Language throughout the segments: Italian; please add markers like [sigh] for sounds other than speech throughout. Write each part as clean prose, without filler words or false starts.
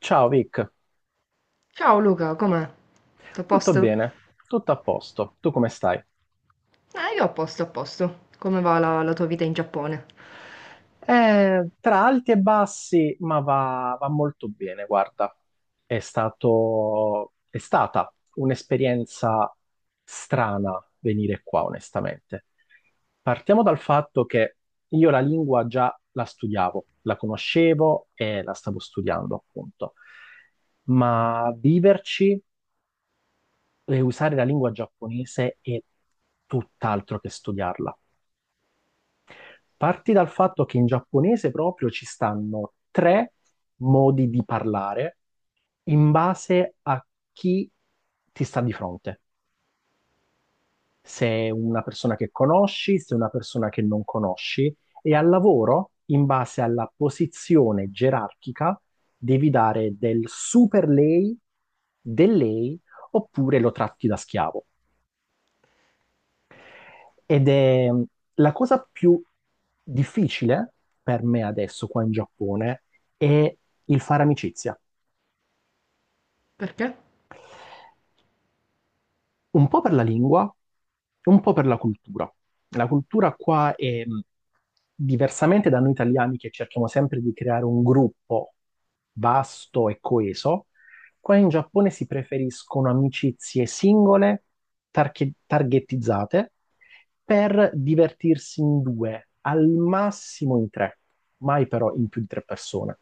Ciao Vic, Ciao Luca, com'è? Tutto a tutto posto? bene, tutto a posto, tu come stai? Io a posto, a posto. Come va la tua vita in Giappone? Tra alti e bassi, ma va molto bene, guarda, è stata un'esperienza strana venire qua, onestamente. Partiamo dal fatto che io la lingua già la studiavo, la conoscevo e la stavo studiando, appunto, ma viverci usare la lingua giapponese è tutt'altro che studiarla. Parti dal fatto che in giapponese proprio ci stanno tre modi di parlare in base a chi ti sta di fronte. Se è una persona che conosci, se è una persona che non conosci, e al lavoro, in base alla posizione gerarchica, devi dare del super lei, del lei, oppure lo tratti da schiavo. Ed è la cosa più difficile per me adesso qua in Giappone è il fare amicizia. Perché? Un po' per la lingua e un po' per la cultura. La cultura qua è diversamente da noi italiani che cerchiamo sempre di creare un gruppo vasto e coeso, qua in Giappone si preferiscono amicizie singole, targettizzate, per divertirsi in due, al massimo in tre, mai però in più di tre persone.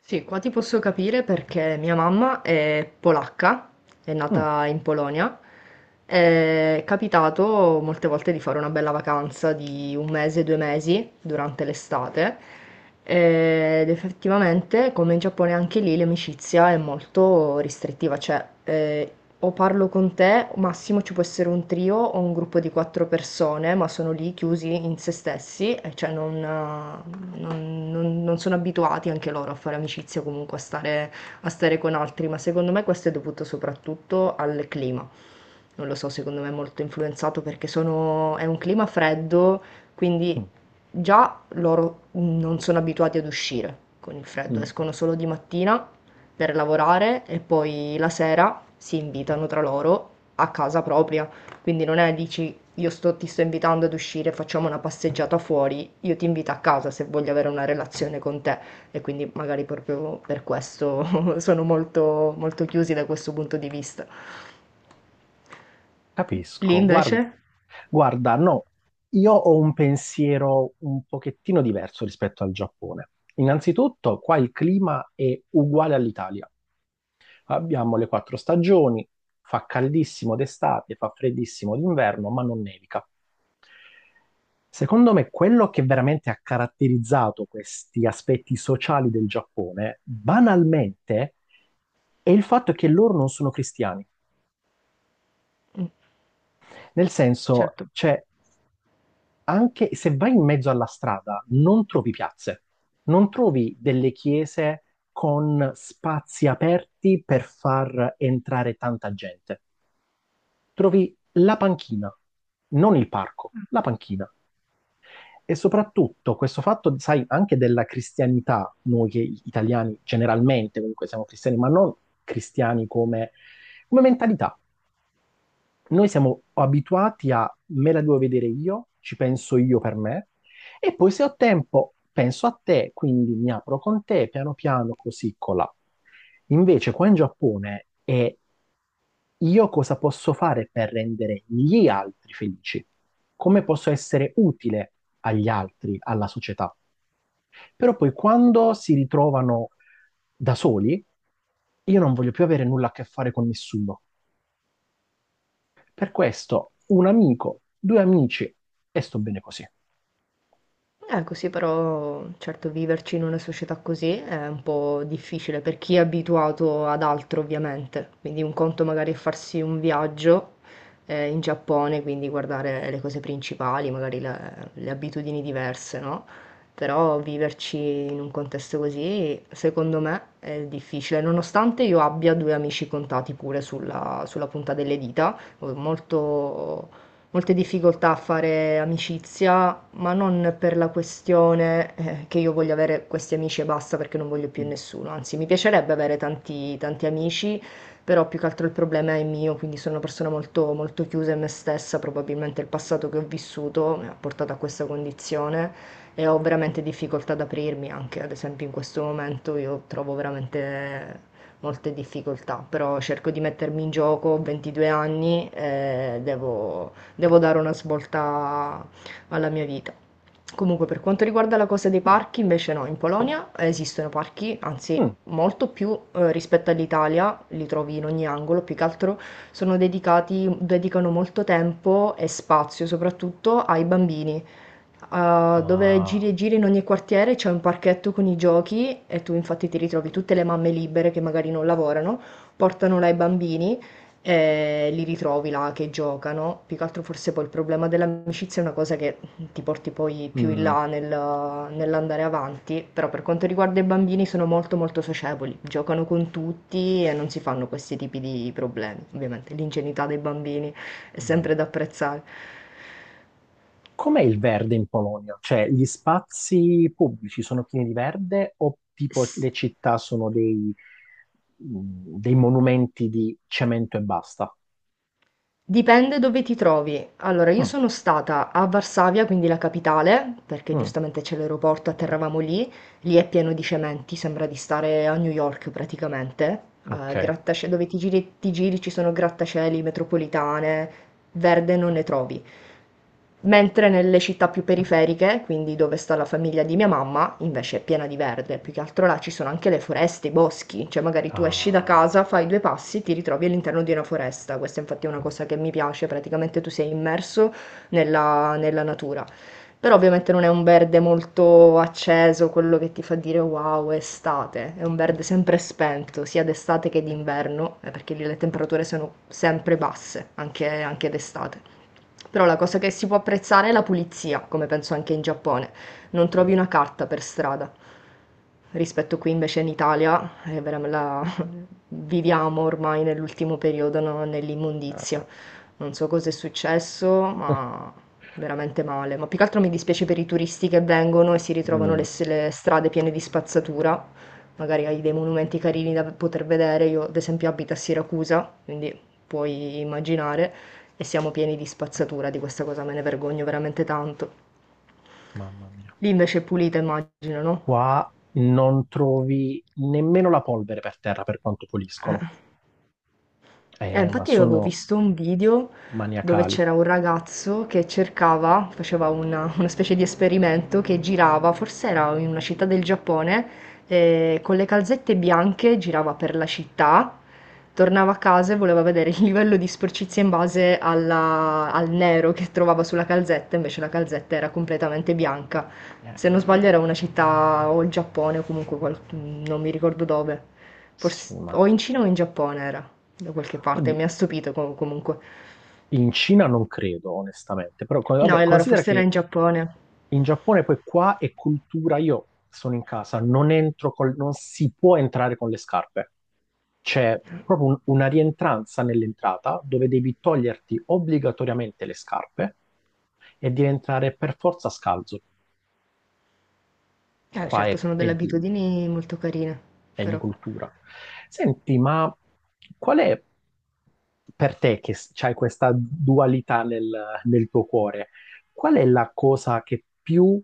Sì, qua ti posso capire perché mia mamma è polacca, è Mm, nata in Polonia. È capitato molte volte di fare una bella vacanza di un mese, due mesi durante l'estate. Ed effettivamente, come in Giappone, anche lì l'amicizia è molto restrittiva, cioè o parlo con te, massimo ci può essere un trio o un gruppo di quattro persone, ma sono lì chiusi in se stessi, e cioè non sono abituati anche loro a fare amicizia, comunque a stare con altri, ma secondo me questo è dovuto soprattutto al clima. Non lo so, secondo me è molto influenzato perché è un clima freddo, quindi mm, già loro non sono abituati ad uscire con il freddo, mm. escono solo di mattina per lavorare e poi la sera si invitano tra loro a casa propria. Quindi non è, dici, ti sto invitando ad uscire, facciamo una passeggiata fuori, io ti invito a casa se voglio avere una relazione con te. E quindi magari proprio per questo [laughs] sono molto, molto chiusi da questo punto di vista. Lì Capisco. Guarda, invece? guarda, no, io ho un pensiero un pochettino diverso rispetto al Giappone. Innanzitutto, qua il clima è uguale all'Italia. Abbiamo le quattro stagioni, fa caldissimo d'estate, fa freddissimo d'inverno, ma non nevica. Secondo me, quello che veramente ha caratterizzato questi aspetti sociali del Giappone, banalmente, è il fatto che loro non sono cristiani. Mm. Nel senso, Certo. c'è anche se vai in mezzo alla strada, non trovi piazze, non trovi delle chiese con spazi aperti per far entrare tanta gente. Trovi la panchina, non il parco, la panchina. E soprattutto questo fatto, sai, anche della cristianità, noi che italiani generalmente comunque siamo cristiani, ma non cristiani come mentalità noi siamo abituati a me la devo vedere io, ci penso io per me, e poi se ho tempo penso a te, quindi mi apro con te piano piano così colà. Invece qua in Giappone è io cosa posso fare per rendere gli altri felici? Come posso essere utile agli altri, alla società? Però poi quando si ritrovano da soli, io non voglio più avere nulla a che fare con nessuno. Per questo, un amico, due amici e sto bene così. Così però, certo, viverci in una società così è un po' difficile per chi è abituato ad altro, ovviamente. Quindi un conto magari è farsi un viaggio in Giappone, quindi guardare le cose principali, magari le abitudini diverse, no? Però viverci in un contesto così, secondo me, è difficile, nonostante io abbia due amici contati pure sulla punta delle dita, ho molte difficoltà a fare amicizia ma non per la questione, che io voglio avere questi amici e basta perché non voglio più Mm. nessuno. Anzi, mi piacerebbe avere tanti, tanti amici, però più che altro il problema è mio, quindi sono una persona molto, molto chiusa in me stessa, probabilmente il passato che ho vissuto mi ha portato a questa condizione e ho veramente difficoltà ad aprirmi anche, ad esempio in questo momento io trovo veramente molte difficoltà, però cerco di mettermi in gioco, ho 22 anni e devo dare una svolta alla mia vita. Comunque, per quanto riguarda la cosa dei parchi, invece no, in Polonia esistono parchi, anzi Mm. molto più rispetto all'Italia, li trovi in ogni angolo, più che altro sono dedicano molto tempo e spazio soprattutto ai bambini, dove giri Ah, e giri in ogni quartiere c'è un parchetto con i giochi e tu infatti ti ritrovi tutte le mamme libere che magari non lavorano, portano là i bambini e li ritrovi là che giocano. Più che altro forse poi il problema dell'amicizia è una cosa che ti porti poi più in mm, là nell'andare avanti, però per quanto riguarda i bambini sono molto molto socievoli, giocano con tutti e non si fanno questi tipi di problemi. Ovviamente l'ingenuità dei bambini è sempre vabbè. da apprezzare. Com'è il verde in Polonia? Cioè, gli spazi pubblici sono pieni di verde o tipo S le città sono dei monumenti di cemento e basta? Dipende dove ti trovi. Allora, io Mm, sono stata a Varsavia, quindi la capitale, perché mm, giustamente c'è l'aeroporto, atterravamo lì. Lì è pieno di cementi, sembra di stare a New York praticamente. Eh, ok. grattascie- dove ti giri ci sono grattacieli, metropolitane, verde non ne trovi. Mentre nelle città più periferiche, quindi dove sta la famiglia di mia mamma, invece è piena di verde, più che altro là ci sono anche le foreste, i boschi, cioè magari tu esci da casa, Ah, fai due passi, ti ritrovi all'interno di una foresta, questa infatti è una cosa che mi piace, praticamente tu sei immerso nella natura. Però ovviamente non è un verde molto acceso, quello che ti fa dire wow, è estate, è un verde sempre spento, sia d'estate che d'inverno, perché lì le temperature sono sempre basse, anche d'estate. Però la cosa che si può apprezzare è la pulizia, come penso anche in Giappone. Non sì. trovi una carta per strada. Rispetto qui invece in Italia. Viviamo ormai nell'ultimo periodo, no, nell'immondizia. Non so cosa è successo, ma veramente male. Ma più che altro mi dispiace per i turisti che vengono e si ritrovano le, mm, s- le strade piene di spazzatura. Magari hai dei monumenti carini da poter vedere. Io, ad esempio, abito a Siracusa, quindi puoi immaginare, e siamo pieni di spazzatura. Di questa cosa me ne vergogno veramente tanto. Mamma mia. Lì invece è pulita, immagino, no? Qua non trovi nemmeno la polvere per terra per quanto Eh. puliscono. Ma Infatti avevo sono visto un video dove maniacali. c'era un ragazzo che cercava, faceva una specie di esperimento che girava, forse era in una città del Giappone, con le calzette bianche girava per la città, tornava a casa e voleva vedere il livello di sporcizia in base al nero che trovava sulla calzetta, invece la calzetta era completamente bianca. Eh, Se non sbaglio era una città o il Giappone o comunque non mi ricordo dove, sì, forse ma o in Cina o in Giappone era. Da qualche parte, oddio, mi ha stupito comunque. in Cina non credo, onestamente. Però, No, vabbè, e allora considera forse era in che Giappone. in Giappone poi qua è cultura. Io sono in casa, non entro col- non si può entrare con le scarpe. C'è proprio una rientranza nell'entrata dove devi toglierti obbligatoriamente le scarpe e devi entrare per forza scalzo. Qua Certo, sono è delle di abitudini molto carine, e di però. cultura. Senti, ma qual è per te che hai questa dualità nel tuo cuore? Qual è la cosa che più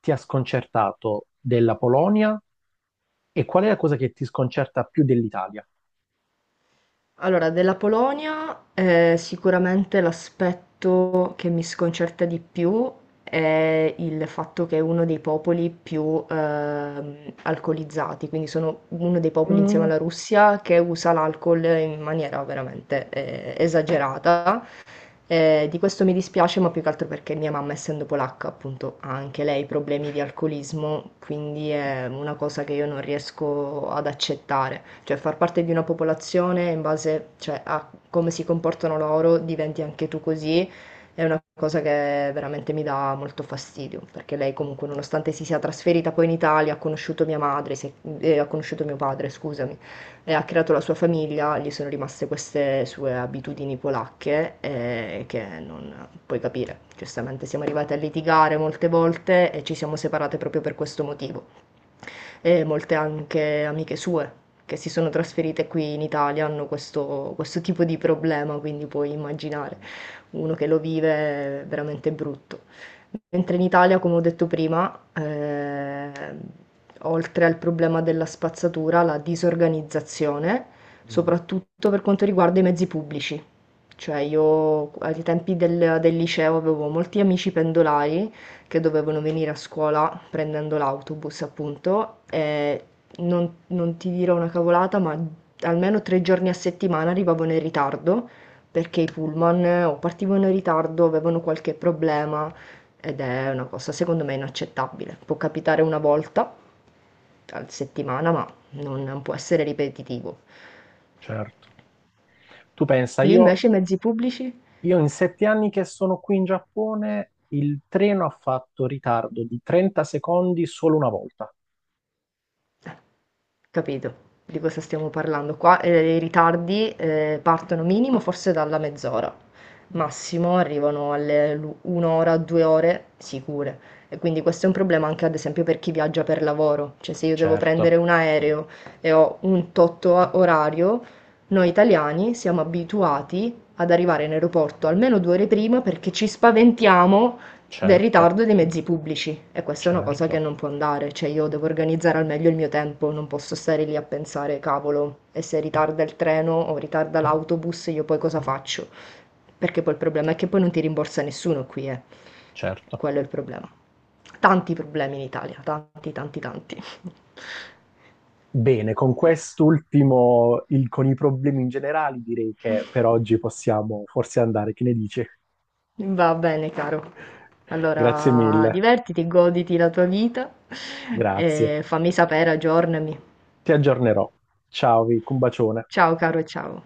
ti ha sconcertato della Polonia e qual è la cosa che ti sconcerta più dell'Italia? Allora, della Polonia, sicuramente l'aspetto che mi sconcerta di più è il fatto che è uno dei popoli più alcolizzati, quindi sono uno dei popoli insieme Mm, alla Russia che usa l'alcol in maniera veramente esagerata. Di questo mi dispiace, ma più che altro perché mia mamma, essendo polacca, appunto, ha anche lei problemi di alcolismo, quindi è una cosa che io non riesco ad accettare. Cioè, far parte di una popolazione in base, cioè, a come si comportano loro, diventi anche tu così, è una cosa che veramente mi dà molto fastidio, perché lei comunque, nonostante si sia trasferita poi in Italia, ha conosciuto mia madre, ha conosciuto mio padre, scusami, e ha creato la sua famiglia, gli sono rimaste queste sue abitudini polacche che non puoi capire. Giustamente siamo arrivati a litigare molte volte e ci siamo separate proprio per questo motivo e molte anche amiche sue che si sono trasferite qui in Italia hanno questo tipo di problema, quindi puoi immaginare uno che lo vive è veramente brutto. Mentre in Italia, come ho detto prima, oltre al problema della spazzatura, la disorganizzazione, mm, soprattutto per quanto riguarda i mezzi pubblici. Cioè io ai tempi del liceo avevo molti amici pendolari che dovevano venire a scuola prendendo l'autobus, appunto, e non ti dirò una cavolata, ma almeno tre giorni a settimana arrivavano in ritardo perché i pullman o partivano in ritardo, avevano qualche problema ed è una cosa secondo me inaccettabile. Può capitare una volta a settimana, ma non può essere ripetitivo. certo. Tu pensa, Lì invece i mezzi pubblici? io in 7 anni che sono qui in Giappone, il treno ha fatto ritardo di 30 secondi solo una volta. Eh. Capito, di cosa stiamo parlando. Qua, i ritardi, partono minimo forse dalla mezz'ora, Eh, massimo arrivano alle l'u 1 ora, 2 ore sicure. E quindi questo è un problema anche ad esempio per chi viaggia per lavoro, cioè se io devo certo. prendere un aereo e ho un tot o orario, noi italiani siamo abituati ad arrivare in aeroporto almeno 2 ore prima perché ci spaventiamo del Certo, ritardo dei mezzi pubblici e questa è una cosa che certo, non può andare, cioè io devo organizzare al meglio il mio tempo, non posso stare lì a pensare, cavolo, e se ritarda il treno o ritarda l'autobus, io poi cosa faccio? Perché poi il problema è che poi non ti rimborsa nessuno qui, eh. certo. Quello è il problema. Tanti problemi in Italia, tanti, tanti, tanti. Bene, con quest'ultimo, con i problemi in generale, direi che per oggi possiamo forse andare. Che ne dici? Va bene, caro. [laughs] Grazie Allora, mille, divertiti, goditi la tua vita grazie. e fammi sapere, aggiornami. Ti aggiornerò. Ciao, Vic, un bacione. Ciao, caro, ciao.